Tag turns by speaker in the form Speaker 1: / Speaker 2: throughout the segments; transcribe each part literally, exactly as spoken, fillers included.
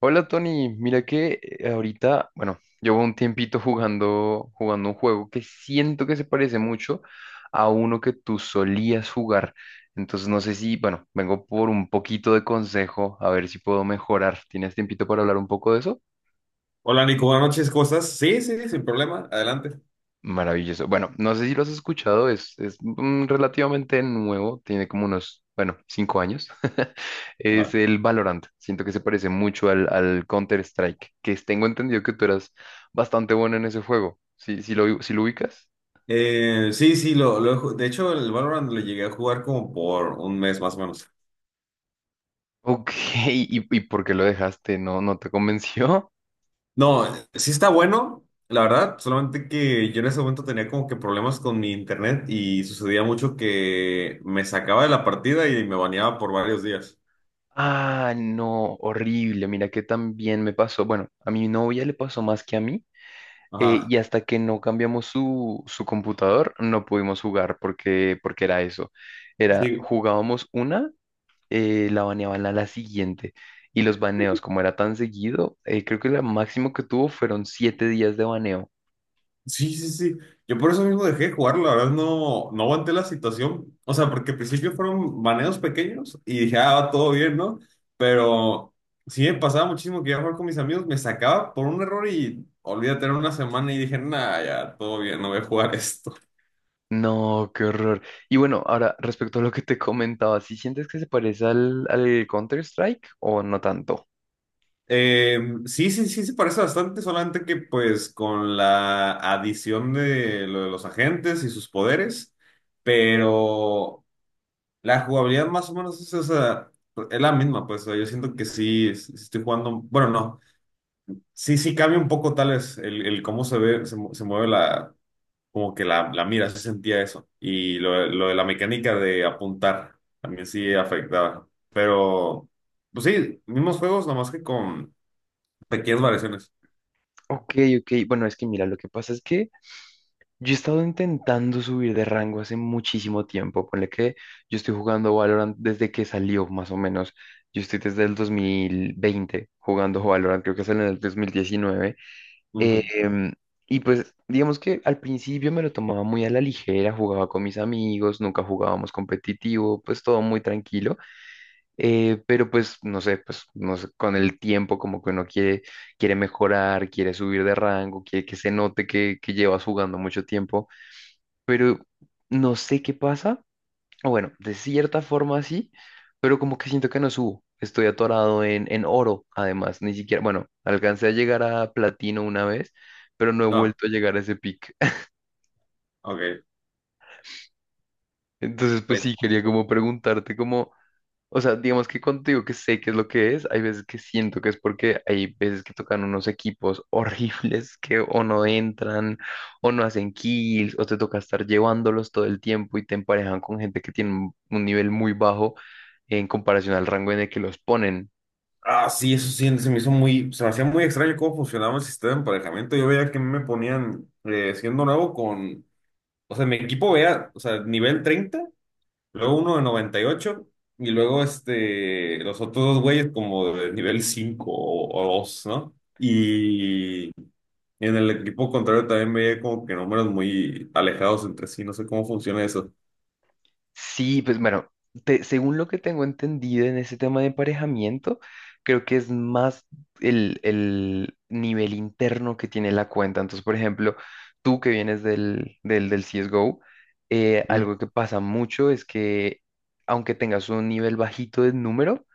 Speaker 1: Hola Tony, mira que eh, ahorita, bueno, llevo un tiempito jugando, jugando un juego que siento que se parece mucho a uno que tú solías jugar. Entonces no sé si, bueno, vengo por un poquito de consejo, a ver si puedo mejorar. ¿Tienes tiempito para hablar un poco de eso?
Speaker 2: Hola Nico, buenas noches, ¿cómo estás? Sí, sí, sin problema, adelante.
Speaker 1: Maravilloso. Bueno, no sé si lo has escuchado, es, es mm, relativamente nuevo, tiene como unos, bueno, cinco años.
Speaker 2: A
Speaker 1: Es
Speaker 2: ver.
Speaker 1: el Valorant. Siento que se parece mucho al, al Counter-Strike, que tengo entendido que tú eras bastante bueno en ese juego. ¿Sí, sí lo, sí lo ubicas?
Speaker 2: Eh, sí, sí, lo, lo he ju- de hecho el Valorant lo llegué a jugar como por un mes más o menos.
Speaker 1: Ok, ¿y, y por qué lo dejaste? ¿No, no te convenció?
Speaker 2: No, sí está bueno, la verdad, solamente que yo en ese momento tenía como que problemas con mi internet y sucedía mucho que me sacaba de la partida y me baneaba por varios días.
Speaker 1: Ah, no, horrible. Mira que también me pasó. Bueno, a mi novia le pasó más que a mí. Eh,
Speaker 2: Ajá.
Speaker 1: y hasta que no cambiamos su, su computador, no pudimos jugar porque, porque era eso. Era,
Speaker 2: Sí,
Speaker 1: jugábamos una, eh, la baneaban a la siguiente. Y los baneos, como era tan seguido, eh, creo que lo máximo que tuvo fueron siete días de baneo.
Speaker 2: Sí, sí, sí. Yo por eso mismo dejé de jugar, la verdad no, no aguanté la situación. O sea, porque al principio fueron baneos pequeños y dije, ah, va todo bien, ¿no? Pero sí me pasaba muchísimo que iba a jugar con mis amigos, me sacaba por un error y olvídate, era una semana y dije, nah, ya, todo bien, no voy a jugar esto.
Speaker 1: No, qué horror. Y bueno, ahora respecto a lo que te comentaba, ¿sí sientes que se parece al, al Counter-Strike o no tanto?
Speaker 2: Eh, sí, sí, sí, se parece bastante, solamente que pues con la adición de lo de los agentes y sus poderes, pero... La jugabilidad más o menos es, esa- es la misma, pues o sea, yo siento que sí, sí estoy jugando, bueno, no, sí, sí cambia un poco tal vez el, el cómo se ve, se, mu- se mueve la, como que la, la mira, se sentía eso. Y lo, de- lo de la mecánica de apuntar también sí afectaba. Pero, pues sí, mismos juegos, nomás que con pequeñas variaciones.
Speaker 1: Ok, ok. Bueno, es que mira, lo que pasa es que yo he estado intentando subir de rango hace muchísimo tiempo. Ponle que yo estoy jugando Valorant desde que salió, más o menos. Yo estoy desde el dos mil veinte jugando Valorant, creo que salió en el dos mil diecinueve.
Speaker 2: Ujú.
Speaker 1: Em, y pues, digamos que al principio me lo tomaba muy a la ligera, jugaba con mis amigos, nunca jugábamos competitivo, pues todo muy tranquilo. Eh, pero pues, no sé, pues, no sé, con el tiempo como que uno quiere, quiere mejorar, quiere subir de rango, quiere que se note que, que llevas jugando mucho tiempo pero no sé qué pasa. O bueno, de cierta forma sí, pero como que siento que no subo. Estoy atorado en, en oro, además, ni siquiera, bueno, alcancé a llegar a platino una vez, pero no he
Speaker 2: No,
Speaker 1: vuelto a llegar a ese pic.
Speaker 2: ok.
Speaker 1: Entonces, pues
Speaker 2: Pues,
Speaker 1: sí, quería como preguntarte como, o sea, digamos que cuando te digo que sé qué es lo que es, hay veces que siento que es porque hay veces que tocan unos equipos horribles que o no entran o no hacen kills o te toca estar llevándolos todo el tiempo y te emparejan con gente que tiene un un nivel muy bajo en comparación al rango en el que los ponen.
Speaker 2: ah, sí, eso sí, se me hizo muy, se me hacía muy extraño cómo funcionaba el sistema de emparejamiento. Yo veía que me ponían eh, siendo nuevo con. O sea, mi equipo vea, o sea, nivel treinta, luego uno de noventa y ocho, y luego este, los otros dos güeyes como de nivel cinco o, o dos, ¿no? Y en el equipo contrario también veía como que números muy alejados entre sí, no sé cómo funciona eso.
Speaker 1: Sí, pues bueno, te- según lo que tengo entendido en ese tema de emparejamiento, creo que es más el, el nivel interno que tiene la cuenta. Entonces, por ejemplo, tú que vienes del, del, del C S G O, eh,
Speaker 2: Mm.
Speaker 1: algo que pasa mucho es que aunque tengas un nivel bajito de número,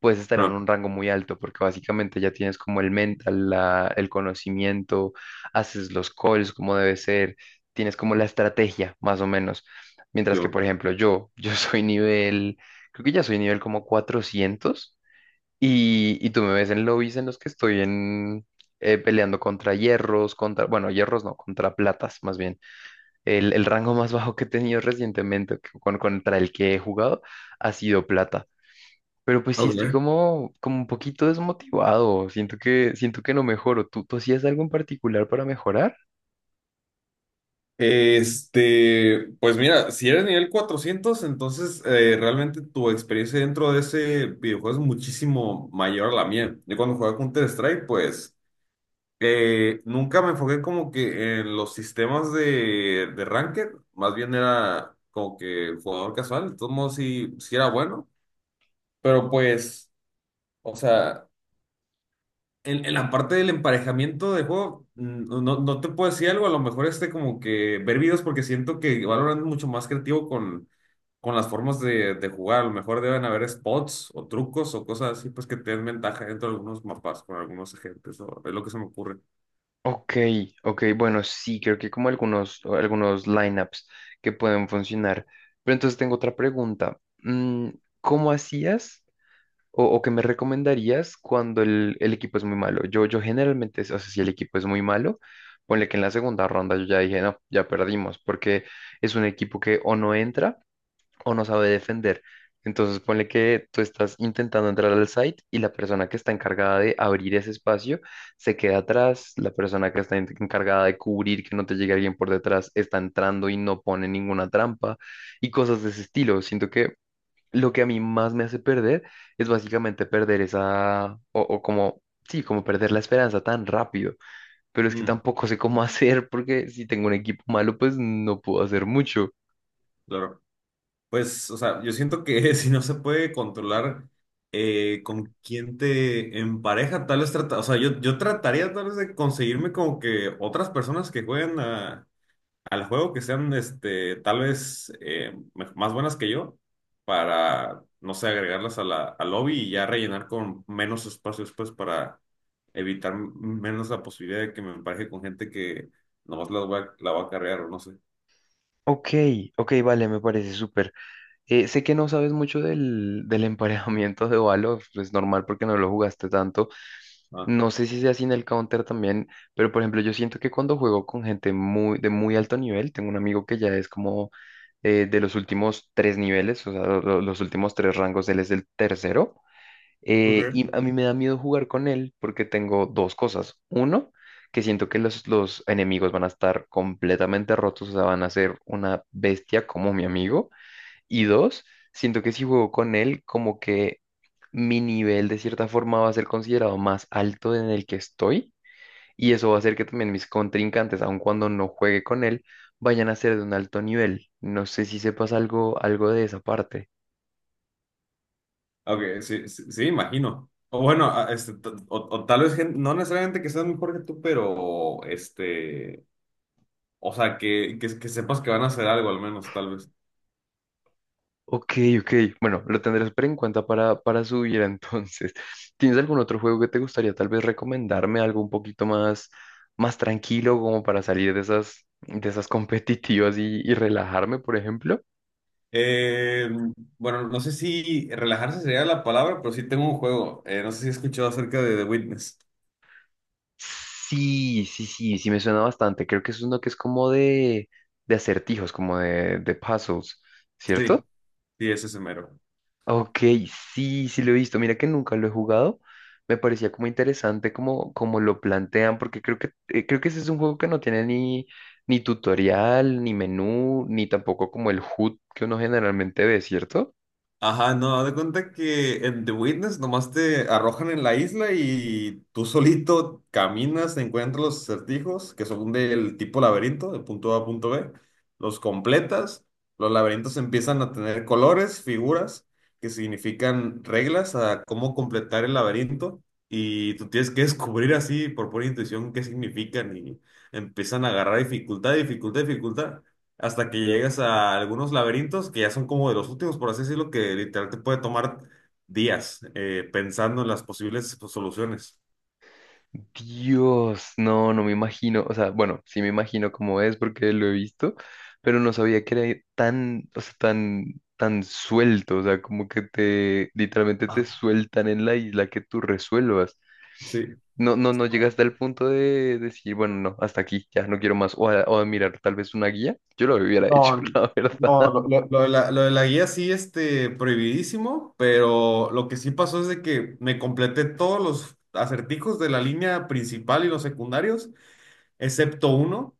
Speaker 1: puedes estar en
Speaker 2: Ah,
Speaker 1: un rango muy alto, porque básicamente ya tienes como el mental, la- el conocimiento, haces los calls como debe ser, tienes como la estrategia, más o menos. Mientras que,
Speaker 2: peor.
Speaker 1: por ejemplo, yo, yo soy nivel, creo que ya soy nivel como cuatrocientos y, y tú me ves en lobbies en los que estoy en, eh, peleando contra hierros, contra, bueno, hierros no, contra platas más bien. El, el rango más bajo que he tenido recientemente que- con- contra el que he jugado ha sido plata. Pero pues sí estoy
Speaker 2: Ok.
Speaker 1: como, como un poquito desmotivado, siento que, siento que no mejoro. ¿Tú, tú hacías algo en particular para mejorar?
Speaker 2: Este, pues mira, si eres nivel cuatrocientos, entonces eh, realmente tu experiencia dentro de ese videojuego es muchísimo mayor a la mía. Yo cuando jugaba Counter-Strike, pues. Eh, nunca me enfoqué como que en los sistemas de, de ranked, más bien era como que jugador casual, de todos modos sí, sí era bueno, pero pues, o sea, en, en, la parte del emparejamiento de juego, mm, no, no no te puedo decir algo, a lo mejor este como que ver videos, porque siento que Valorant es mucho más creativo con, con las formas de, de jugar, a lo mejor deben haber spots o trucos o cosas así, pues que te den ventaja dentro de algunos mapas con algunos agentes, o- es lo que se me ocurre.
Speaker 1: Ok, ok, bueno, sí, creo que como algunos, algunos lineups que pueden funcionar. Pero entonces tengo otra pregunta. Mm, ¿Cómo hacías o, o qué me recomendarías cuando el, el equipo es muy malo? Yo, yo generalmente, o sea, si el equipo es muy malo, ponle que en la segunda ronda yo ya dije, no, ya perdimos, porque es un equipo que o no entra o no sabe defender. Entonces, ponle que tú estás intentando entrar al site y la persona que está encargada de abrir ese espacio se queda atrás, la persona que está en- encargada de cubrir que no te llegue alguien por detrás está entrando y no pone ninguna trampa y cosas de ese estilo. Siento que lo que a mí más me hace perder es básicamente perder esa, o, o como, sí, como perder la esperanza tan rápido. Pero es que
Speaker 2: Mm,
Speaker 1: tampoco sé cómo hacer porque si tengo un equipo malo, pues no puedo hacer mucho.
Speaker 2: claro. Pues, o sea, yo siento que si no se puede controlar eh, con quién te empareja, tal vez trata, o sea, yo, yo trataría tal vez de conseguirme como que otras personas que jueguen a- al juego, que sean este, tal vez eh, me- más buenas que yo, para, no sé, agregarlas a la, al lobby y ya rellenar con menos espacios, pues, para evitar m- menos la posibilidad de que me empareje con gente que nomás la voy a, la voy a carrear o no sé.
Speaker 1: Ok, ok, vale, me parece súper. Eh, sé que no sabes mucho del, del emparejamiento de Valor, es normal porque no lo jugaste tanto.
Speaker 2: Ah,
Speaker 1: No sé si sea así en el Counter también, pero por ejemplo, yo siento que cuando juego con gente muy, de muy alto nivel, tengo un amigo que ya es como eh, de los últimos tres niveles, o sea, lo- lo- los últimos tres rangos, él es el tercero. eh,
Speaker 2: ok.
Speaker 1: y a mí me da miedo jugar con él porque tengo dos cosas. Uno, que siento que los, los enemigos van a estar completamente rotos, o sea, van a ser una bestia como mi amigo. Y dos, siento que si juego con él, como que mi nivel de cierta forma va a ser considerado más alto en el que estoy. Y eso va a hacer que también mis contrincantes, aun cuando no juegue con él, vayan a ser de un alto nivel. No sé si sepas algo, algo de esa parte.
Speaker 2: Ok, sí, sí, sí, imagino. O bueno, a- este, t- o, o tal vez gen- no necesariamente que seas mejor que tú, pero este, o sea, que, que, que sepas que van a hacer algo al menos, tal vez.
Speaker 1: Ok, ok. Bueno, lo tendré súper en cuenta para, para subir entonces. ¿Tienes algún otro juego que te gustaría tal vez recomendarme? Algo un poquito más, más tranquilo como para salir de esas, de esas competitivas y y relajarme, por ejemplo.
Speaker 2: Eh, bueno, no sé si relajarse sería la palabra, pero sí tengo un juego. Eh, no sé si has escuchado acerca de The Witness.
Speaker 1: Sí, sí, sí, sí me suena bastante. Creo que es uno que es como de, de acertijos, como de, de puzzles, ¿cierto?
Speaker 2: Sí, sí, ese es mero.
Speaker 1: Ok, sí, sí lo he visto. Mira que nunca lo he jugado. Me parecía como interesante como, como lo plantean, porque creo que, eh, creo que ese es un juego que no tiene ni, ni tutorial, ni menú, ni tampoco como el H U D que uno generalmente ve, ¿cierto?
Speaker 2: Ajá, no, haz de cuenta que en The Witness nomás te arrojan en la isla y tú solito caminas, encuentras los acertijos que son del tipo laberinto, de punto A a punto B, los completas, los laberintos empiezan a tener colores, figuras que significan reglas a cómo completar el laberinto, y tú tienes que descubrir así por pura intuición qué significan, y empiezan a agarrar dificultad, dificultad, dificultad, hasta que llegas a algunos laberintos que ya son como de los últimos, por así decirlo, que literal te puede tomar días, eh, pensando en las posibles, pues, soluciones.
Speaker 1: Dios, no, no me imagino, o sea, bueno, sí me imagino cómo es porque lo he visto, pero no sabía que era tan, o sea, tan, tan suelto, o sea, como que te, literalmente te sueltan en la isla que tú resuelvas.
Speaker 2: Sí.
Speaker 1: No, no, no llegas hasta el punto de decir, bueno, no, hasta aquí, ya no quiero más, o a, o a mirar tal vez una guía, yo lo hubiera hecho,
Speaker 2: No,
Speaker 1: la verdad.
Speaker 2: no, lo- Lo, lo de la, lo de la guía sí, este, prohibidísimo, pero lo que sí pasó es de que me completé todos los acertijos de la línea principal y los secundarios, excepto uno.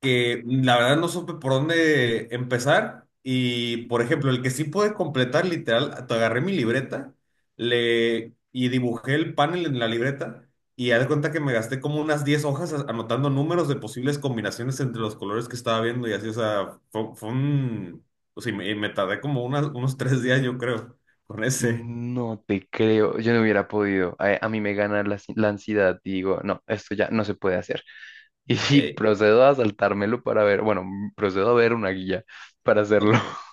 Speaker 2: que la verdad no supe por dónde empezar. Y, por ejemplo, el que sí pude completar, literal, te agarré mi libreta le, y dibujé el panel en la libreta, y haz de cuenta que me gasté como unas diez hojas a- anotando números de posibles combinaciones entre los colores que estaba viendo y así, o sea, fue, fue un... O sea, y me, y me tardé como unas- unos tres días, yo creo, con ese.
Speaker 1: No te creo, yo no hubiera podido. A, a mí me gana la, ansi- la ansiedad y digo, no, esto ya no se puede hacer. Y, sí,
Speaker 2: Ey,
Speaker 1: procedo a saltármelo para ver, bueno, m- procedo a ver una guía para hacerlo.
Speaker 2: ok.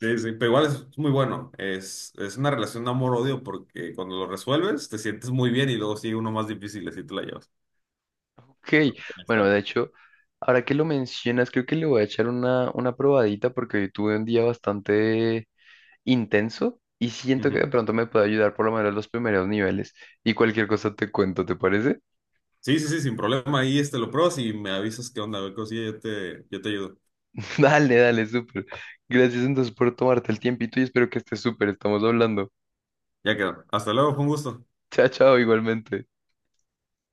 Speaker 2: Sí, sí, pero igual es muy bueno. Es, es una relación de amor-odio porque cuando lo resuelves te sientes muy bien y luego sigue uno más difícil, así te la llevas.
Speaker 1: Ok,
Speaker 2: Pero ahí
Speaker 1: bueno,
Speaker 2: está.
Speaker 1: de hecho, ahora que lo mencionas, creo que le voy a echar una, una probadita porque hoy tuve un día bastante intenso y siento que de
Speaker 2: Ujú.
Speaker 1: pronto me puede ayudar por lo menos los primeros niveles. Y cualquier cosa te cuento, ¿te parece?
Speaker 2: Sí, sí, sí, sin problema. Ahí este lo pruebas y me avisas qué onda, a ver, cosilla, yo te, yo te ayudo.
Speaker 1: Dale, dale, súper. Gracias entonces por tomarte el tiempito y espero que estés súper. Estamos hablando.
Speaker 2: Ya quedó. Hasta luego, fue un gusto.
Speaker 1: Chao, chao, igualmente.